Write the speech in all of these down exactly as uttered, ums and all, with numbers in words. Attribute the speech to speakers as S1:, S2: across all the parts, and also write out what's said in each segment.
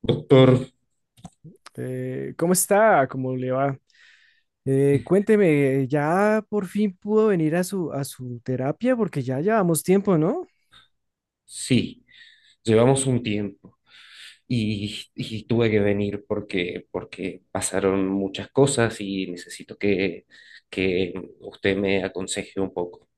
S1: Doctor,
S2: Eh, ¿cómo está? ¿Cómo le va? Eh, cuénteme, ¿ya por fin pudo venir a su, a su terapia? Porque ya llevamos tiempo, ¿no?
S1: sí, llevamos un tiempo y, y tuve que venir porque, porque pasaron muchas cosas y necesito que, que usted me aconseje un poco.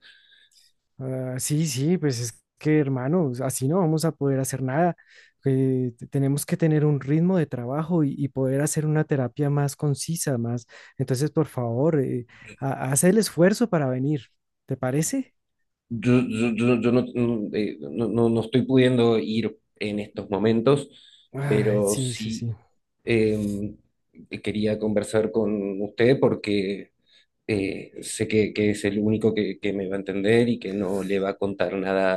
S2: Ah, sí, sí, pues es que, hermano, así no vamos a poder hacer nada. Eh, te- tenemos que tener un ritmo de trabajo y, y poder hacer una terapia más concisa, más. Entonces, por favor, eh, ha- haz el esfuerzo para venir. ¿Te parece?
S1: Yo, yo, yo, yo no, no, eh, no- no- no estoy pudiendo ir en estos momentos,
S2: Ay,
S1: pero
S2: sí, sí,
S1: sí
S2: sí.
S1: em, quería conversar con usted porque eh, sé que, que es el único que, que me va a entender y que no le va a contar nada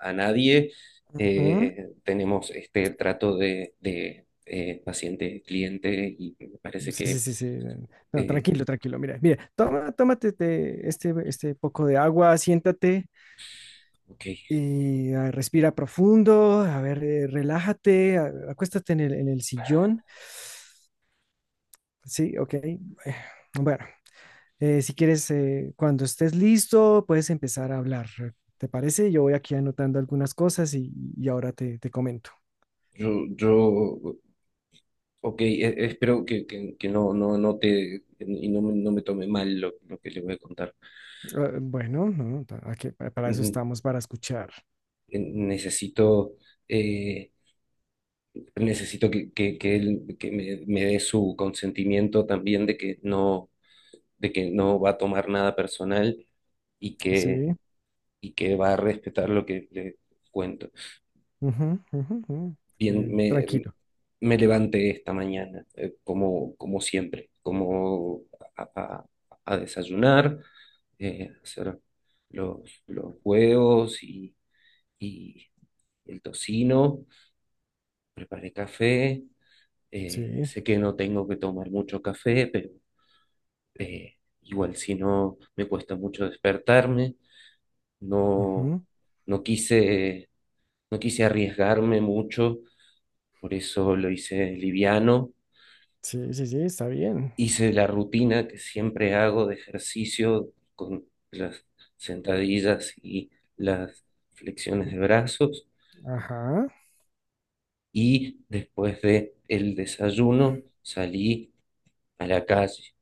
S1: a, a nadie. Eh, tenemos este trato de, de, eh, paciente-cliente y me parece
S2: Sí, sí,
S1: que,
S2: sí, sí. eh, No,
S1: eh,
S2: tranquilo, tranquilo. Mira, mira, toma, tómate te- este, este poco de agua, siéntate
S1: ok,
S2: y ah, respira profundo. A ver, eh, relájate, a- acuéstate en el, en el sillón. Sí, ok. Eh, Bueno, eh, si quieres, eh, cuando estés listo, puedes empezar a hablar. ¿Te parece? Yo voy aquí anotando algunas cosas y, y ahora te, te comento.
S1: yo, yo, ok, e- espero que, que- que no, no, no te, y no, me- no me tome mal lo, lo que le voy a contar.
S2: Ah, bueno, no, pa- aquí- pa- para eso
S1: Mm,
S2: estamos, para escuchar.
S1: eh, Necesito... eh, necesito que, que, que él que me, me dé su consentimiento también de que no, de que no va a tomar nada personal y que,
S2: Sí.
S1: y que va a respetar lo que le cuento.
S2: Ujú, ujú, ujú.
S1: Bien,
S2: Eh,
S1: me,
S2: tranquilo.
S1: me levanté esta mañana, eh, como, como siempre, como a, a- a desayunar, eh, hacer los, los huevos y, y el tocino, el café. Eh,
S2: Sí,
S1: sé que no tengo que tomar mucho café, pero eh, igual si no me cuesta mucho despertarme. No,
S2: ujú,
S1: no quise, no quise arriesgarme mucho, por eso lo hice liviano.
S2: sí, sí, sí, está bien.
S1: Hice la rutina que siempre hago de ejercicio con las sentadillas y las flexiones de brazos.
S2: Ajá.
S1: Y después de el desayuno salí a la calle.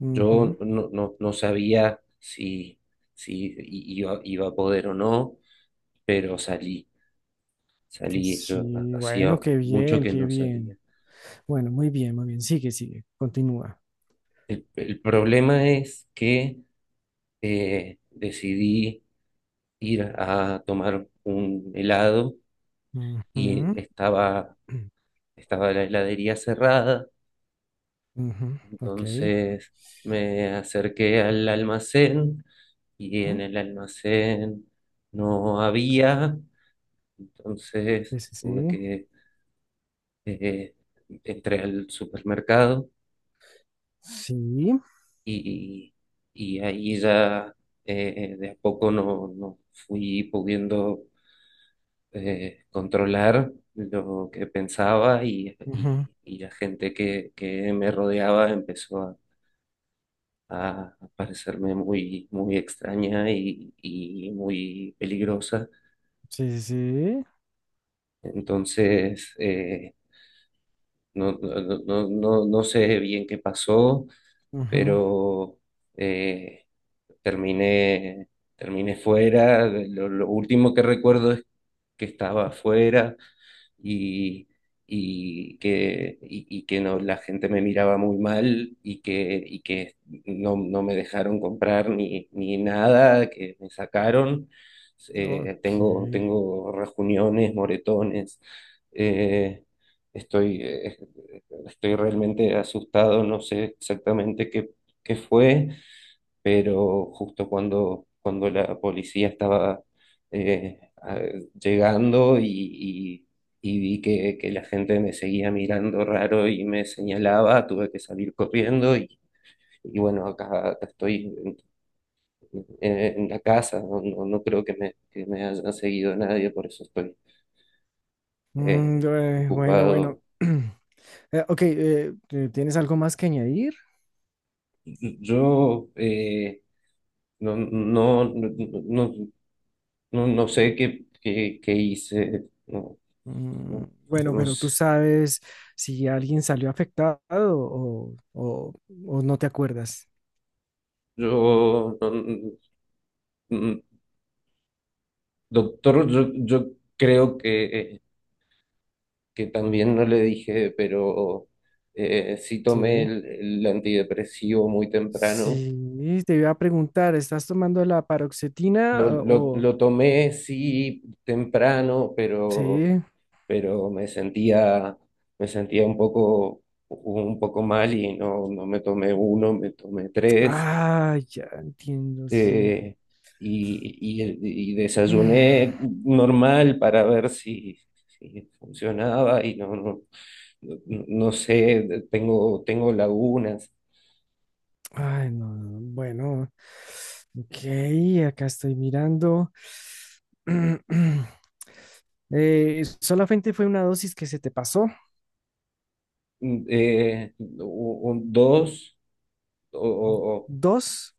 S2: Ujú,
S1: Yo no, no, no sabía si, si iba, iba a poder o no, pero salí. Salí, yo
S2: sí, bueno,
S1: hacía
S2: qué
S1: mucho
S2: bien,
S1: que
S2: qué
S1: no salía.
S2: bien. Bueno, muy bien, muy bien. Sigue, sigue, continúa.
S1: El, el problema es que eh, decidí ir a tomar un helado y
S2: Ujú.
S1: estaba, estaba la heladería cerrada,
S2: Ujú. Ok.
S1: entonces me acerqué al almacén y en
S2: Ujú.
S1: el almacén no había, entonces
S2: Sí, sí,
S1: tuve
S2: sí.
S1: que, eh, entré al supermercado
S2: Sí.
S1: y, y ahí ya eh, de a poco no, no fui pudiendo eh, controlar lo que pensaba y,
S2: Ujú.
S1: y- y la gente que, que me rodeaba empezó a, a parecerme muy, muy extraña y, y muy peligrosa.
S2: Sí, sí, sí.
S1: Entonces, eh, no, no, no, no, no sé bien qué pasó,
S2: Ujú.
S1: pero eh, terminé, terminé fuera. Lo, lo último que recuerdo es que estaba afuera. y, y que, y, y que no, la gente me miraba muy mal y que, y que no, no me dejaron comprar ni, ni nada, que me sacaron. Eh,
S2: Ok.
S1: tengo, tengo rejuniones, moretones. Eh, Estoy, eh, estoy realmente asustado, no sé exactamente qué, qué fue pero justo cuando, cuando la policía estaba eh, a- llegando y, y- y vi que, que la gente me seguía mirando raro y me señalaba, tuve que salir corriendo y, y bueno, acá, acá estoy en, en- en la casa, no, no, no creo que me, que me haya seguido nadie, por eso estoy
S2: Mm,
S1: eh,
S2: eh, bueno, bueno.
S1: ocupado.
S2: Eh, ok, eh, eh, ¿tienes algo más que añadir?
S1: Yo eh, no, no, no, no, no- no sé qué, qué, qué hice. no
S2: Mm.
S1: No,
S2: Bueno,
S1: no
S2: pero tú
S1: sé.
S2: sabes si alguien salió afectado o, o- o no te acuerdas.
S1: Yo, no, no, no, doctor, yo, yo creo que, que también no le dije, pero eh, sí tomé
S2: Sí.
S1: el, el antidepresivo muy temprano.
S2: Sí, te iba a preguntar, ¿estás tomando la paroxetina
S1: Lo,
S2: ah,
S1: lo,
S2: o...?
S1: lo tomé sí temprano, pero,
S2: Sí.
S1: pero me sentía, me sentía un poco, un poco mal y no, no me tomé uno, me tomé tres.
S2: Ah, ya entiendo, sí.
S1: eh, y, y- y
S2: Mm.
S1: desayuné normal para ver si, si funcionaba y no, no, no no sé, tengo, tengo lagunas.
S2: Ay, no, no, bueno. Ok, acá estoy mirando. Eh, solamente fue una dosis que se te pasó.
S1: Mm, Eh, u- u- dos, o, o- o-
S2: Dos.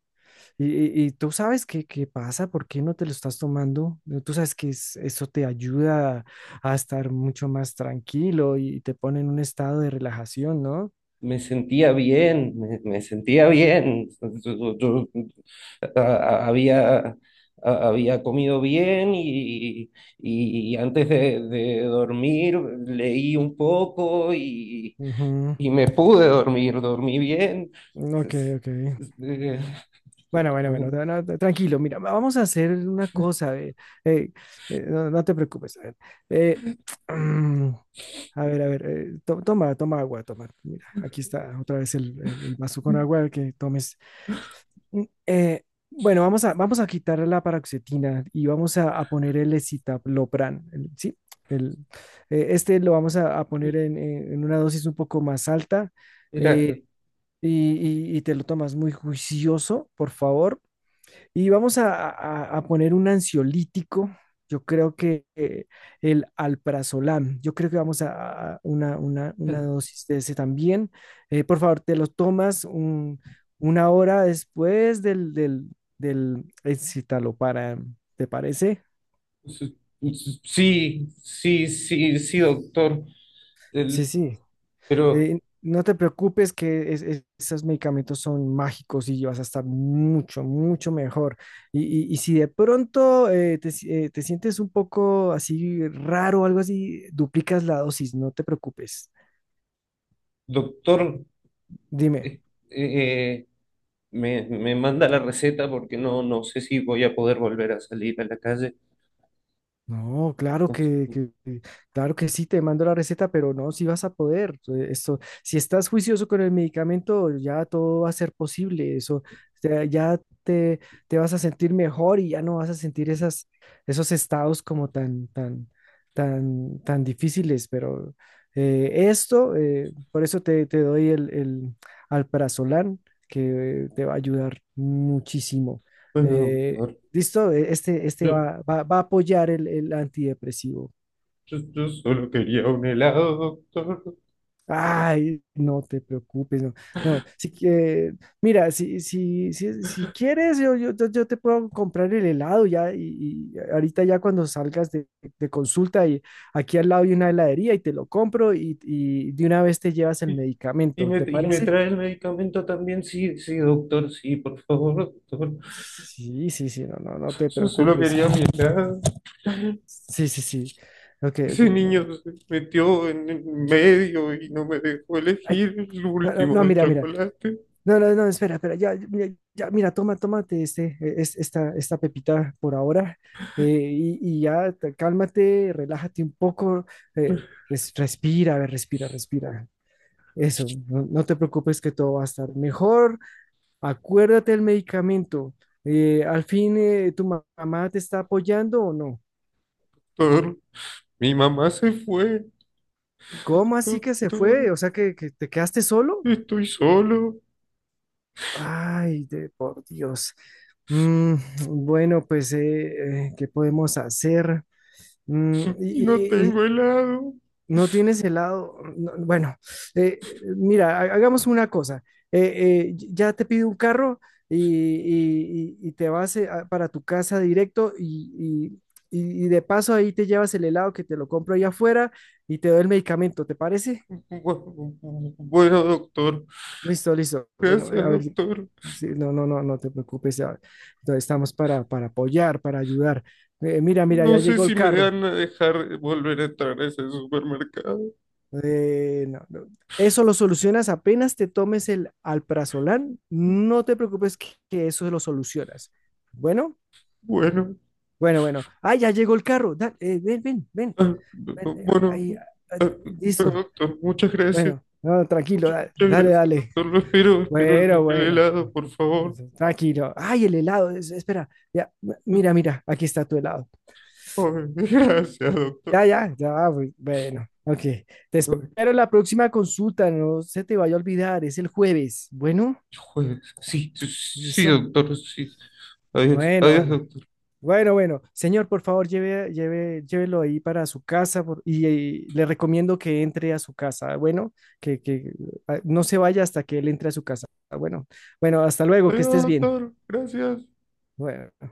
S2: Y, y- y tú sabes qué, qué pasa, por qué no te lo estás tomando. Eh, Tú sabes que es- eso te ayuda a estar mucho más tranquilo y te pone en un estado de relajación, ¿no?
S1: me sentía bien, me, me sentía bien. Yo- yo- a- a- Había, a- había comido bien y, y antes de, de dormir leí un poco y
S2: Ujú.
S1: y me pude dormir, dormí bien.
S2: Ok, ok.
S1: Eh,
S2: Bueno, bueno, bueno, no, no, no, tranquilo, mira, va- vamos a hacer una cosa. eh, eh, eh, no, no te preocupes. A ver, eh, mm, a ver, a ver, eh, to- toma, toma agua, toma. Mira, aquí está otra vez el, el, el vaso con agua que tomes. Mm, eh, bueno, vamos a, vamos a quitar la paroxetina y vamos a, a poner el escitalopram, el- ¿sí? El, eh, este lo vamos a, a poner en, en- en una dosis un poco más alta,
S1: Era,
S2: eh, y, y- y te lo tomas muy juicioso, por favor, y vamos a, a- a poner un ansiolítico. Yo creo que eh, el alprazolam, yo creo que vamos a, a una, una- una dosis de ese también. Eh, por favor, te lo tomas un- una hora después del, del, del escitalopram, ¿te parece?
S1: sí, sí, sí, sí, doctor.
S2: Sí,
S1: El-
S2: sí.
S1: pero,
S2: Eh, no te preocupes que es- es- esos medicamentos son mágicos y vas a estar mucho, mucho mejor. Y, y- y si de pronto eh, te, si- eh, te sientes un poco así raro o algo así, duplicas la dosis, no te preocupes.
S1: doctor,
S2: Dime.
S1: eh, eh, me, me manda la receta porque no, no sé si voy a poder volver a salir a la calle.
S2: No, claro que, que- que- claro que sí, te mando la receta, pero no, si vas a poder. eh, Esto, si estás juicioso con el medicamento, ya todo va a ser posible. Eso, te- ya te, te vas a sentir mejor y ya no vas a sentir esas, esos estados como tan, tan, tan, tan difíciles. Pero eh, esto, eh, por eso te, te doy el, el alprazolam, que te va a ayudar muchísimo.
S1: Bueno,
S2: Eh,
S1: doctor,
S2: Listo, e- este, este
S1: yo,
S2: va, va, va a apoyar el, el antidepresivo.
S1: yo- yo solo quería un helado, doctor.
S2: Ay, no te preocupes, no, no, si, que- mira, si, si, si, si quieres, yo, yo, yo- yo te puedo comprar el helado ya, y, y ahorita ya cuando salgas de, de consulta, y aquí al lado hay una heladería y te lo compro y, y de una vez te llevas el
S1: Y, y
S2: medicamento,
S1: me,
S2: ¿te
S1: y me
S2: parece?
S1: trae el medicamento también, sí, sí, doctor, sí, por favor, doctor.
S2: Sí, sí, sí, no, no, no te
S1: Yo solo
S2: preocupes.
S1: quería mirar.
S2: Sí, sí, sí. Ok, ok.
S1: Ese
S2: No, no.
S1: niño se metió en el medio y no me dejó
S2: Ay,
S1: elegir el
S2: no, no,
S1: último
S2: no,
S1: de
S2: mira, mira.
S1: chocolate,
S2: No, no, no, espera, espera, ya, mira, ya, mira, toma, tómate este, eh, es- esta, esta pepita por ahora, eh, y, y ya te- cálmate, relájate un poco, eh, res- respira, a ver, respira, respira. Eso, no, no te preocupes que todo va a estar mejor. Acuérdate del medicamento. Eh, al fin, eh, ¿tu ma- mamá te está apoyando o no?
S1: doctor. Mi mamá se fue,
S2: ¿Cómo así que se
S1: doctor.
S2: fue? O sea, que que te quedaste solo.
S1: Estoy solo
S2: Ay, de por Dios. Mm, bueno, pues, eh, eh, ¿qué podemos hacer? Mm, y,
S1: y no
S2: y- y
S1: tengo helado.
S2: no tienes helado. No, bueno, eh, mira, ha- hagamos una cosa. Eh, eh, y- ya te pido un carro y, y- y- y te vas eh, a- para tu casa directo y, y y- y de paso ahí te llevas el helado que te lo compro allá afuera y te doy el medicamento, ¿te parece?
S1: Bueno, doctor.
S2: Listo, listo. Bueno, eh,
S1: Gracias,
S2: a ver,
S1: doctor.
S2: sí, no, no, no, no te preocupes. a- Entonces estamos para, para apoyar, para ayudar. Eh, mira, mira,
S1: No
S2: ya
S1: sé
S2: llegó el
S1: si me
S2: carro.
S1: van a dejar volver a entrar a ese supermercado.
S2: Eh, no, no. Eso lo solucionas apenas te tomes el alprazolam. No te preocupes que, que eso lo solucionas. Bueno,
S1: Bueno,
S2: bueno, bueno. Ah, ya llegó el carro. Da- eh, ven, ven, ven,
S1: ah,
S2: ven, eh,
S1: bueno,
S2: ahí, ah,
S1: bueno,
S2: listo.
S1: doctor, muchas gracias.
S2: Bueno, no, tranquilo,
S1: Muchas,
S2: da-
S1: muchas
S2: dale,
S1: gracias,
S2: dale.
S1: doctor. Lo espero, espero
S2: Bueno,
S1: el, el
S2: bueno.
S1: helado, por favor.
S2: Entonces, tranquilo. Ay, el helado. Es- espera. Ya, mira, mira. Aquí está tu helado.
S1: Ay, gracias, doctor.
S2: Ya, ya, ya. bu- Bueno, ok. Te
S1: Ay,
S2: espero en la próxima consulta. No se te vaya a olvidar. Es el jueves. Bueno,
S1: jueves. Sí, sí, sí,
S2: listo.
S1: doctor, sí. Adiós,
S2: Bueno,
S1: adiós,
S2: bueno.
S1: doctor.
S2: Bueno, bueno. Señor, por favor, lleve, lleve, llévelo ahí para su casa por- y, y le recomiendo que entre a su casa. Bueno, que, que ah, no se vaya hasta que él entre a su casa. Bueno, bueno, hasta luego. Que
S1: Adiós,
S2: estés bien.
S1: doctor. Gracias.
S2: Bueno.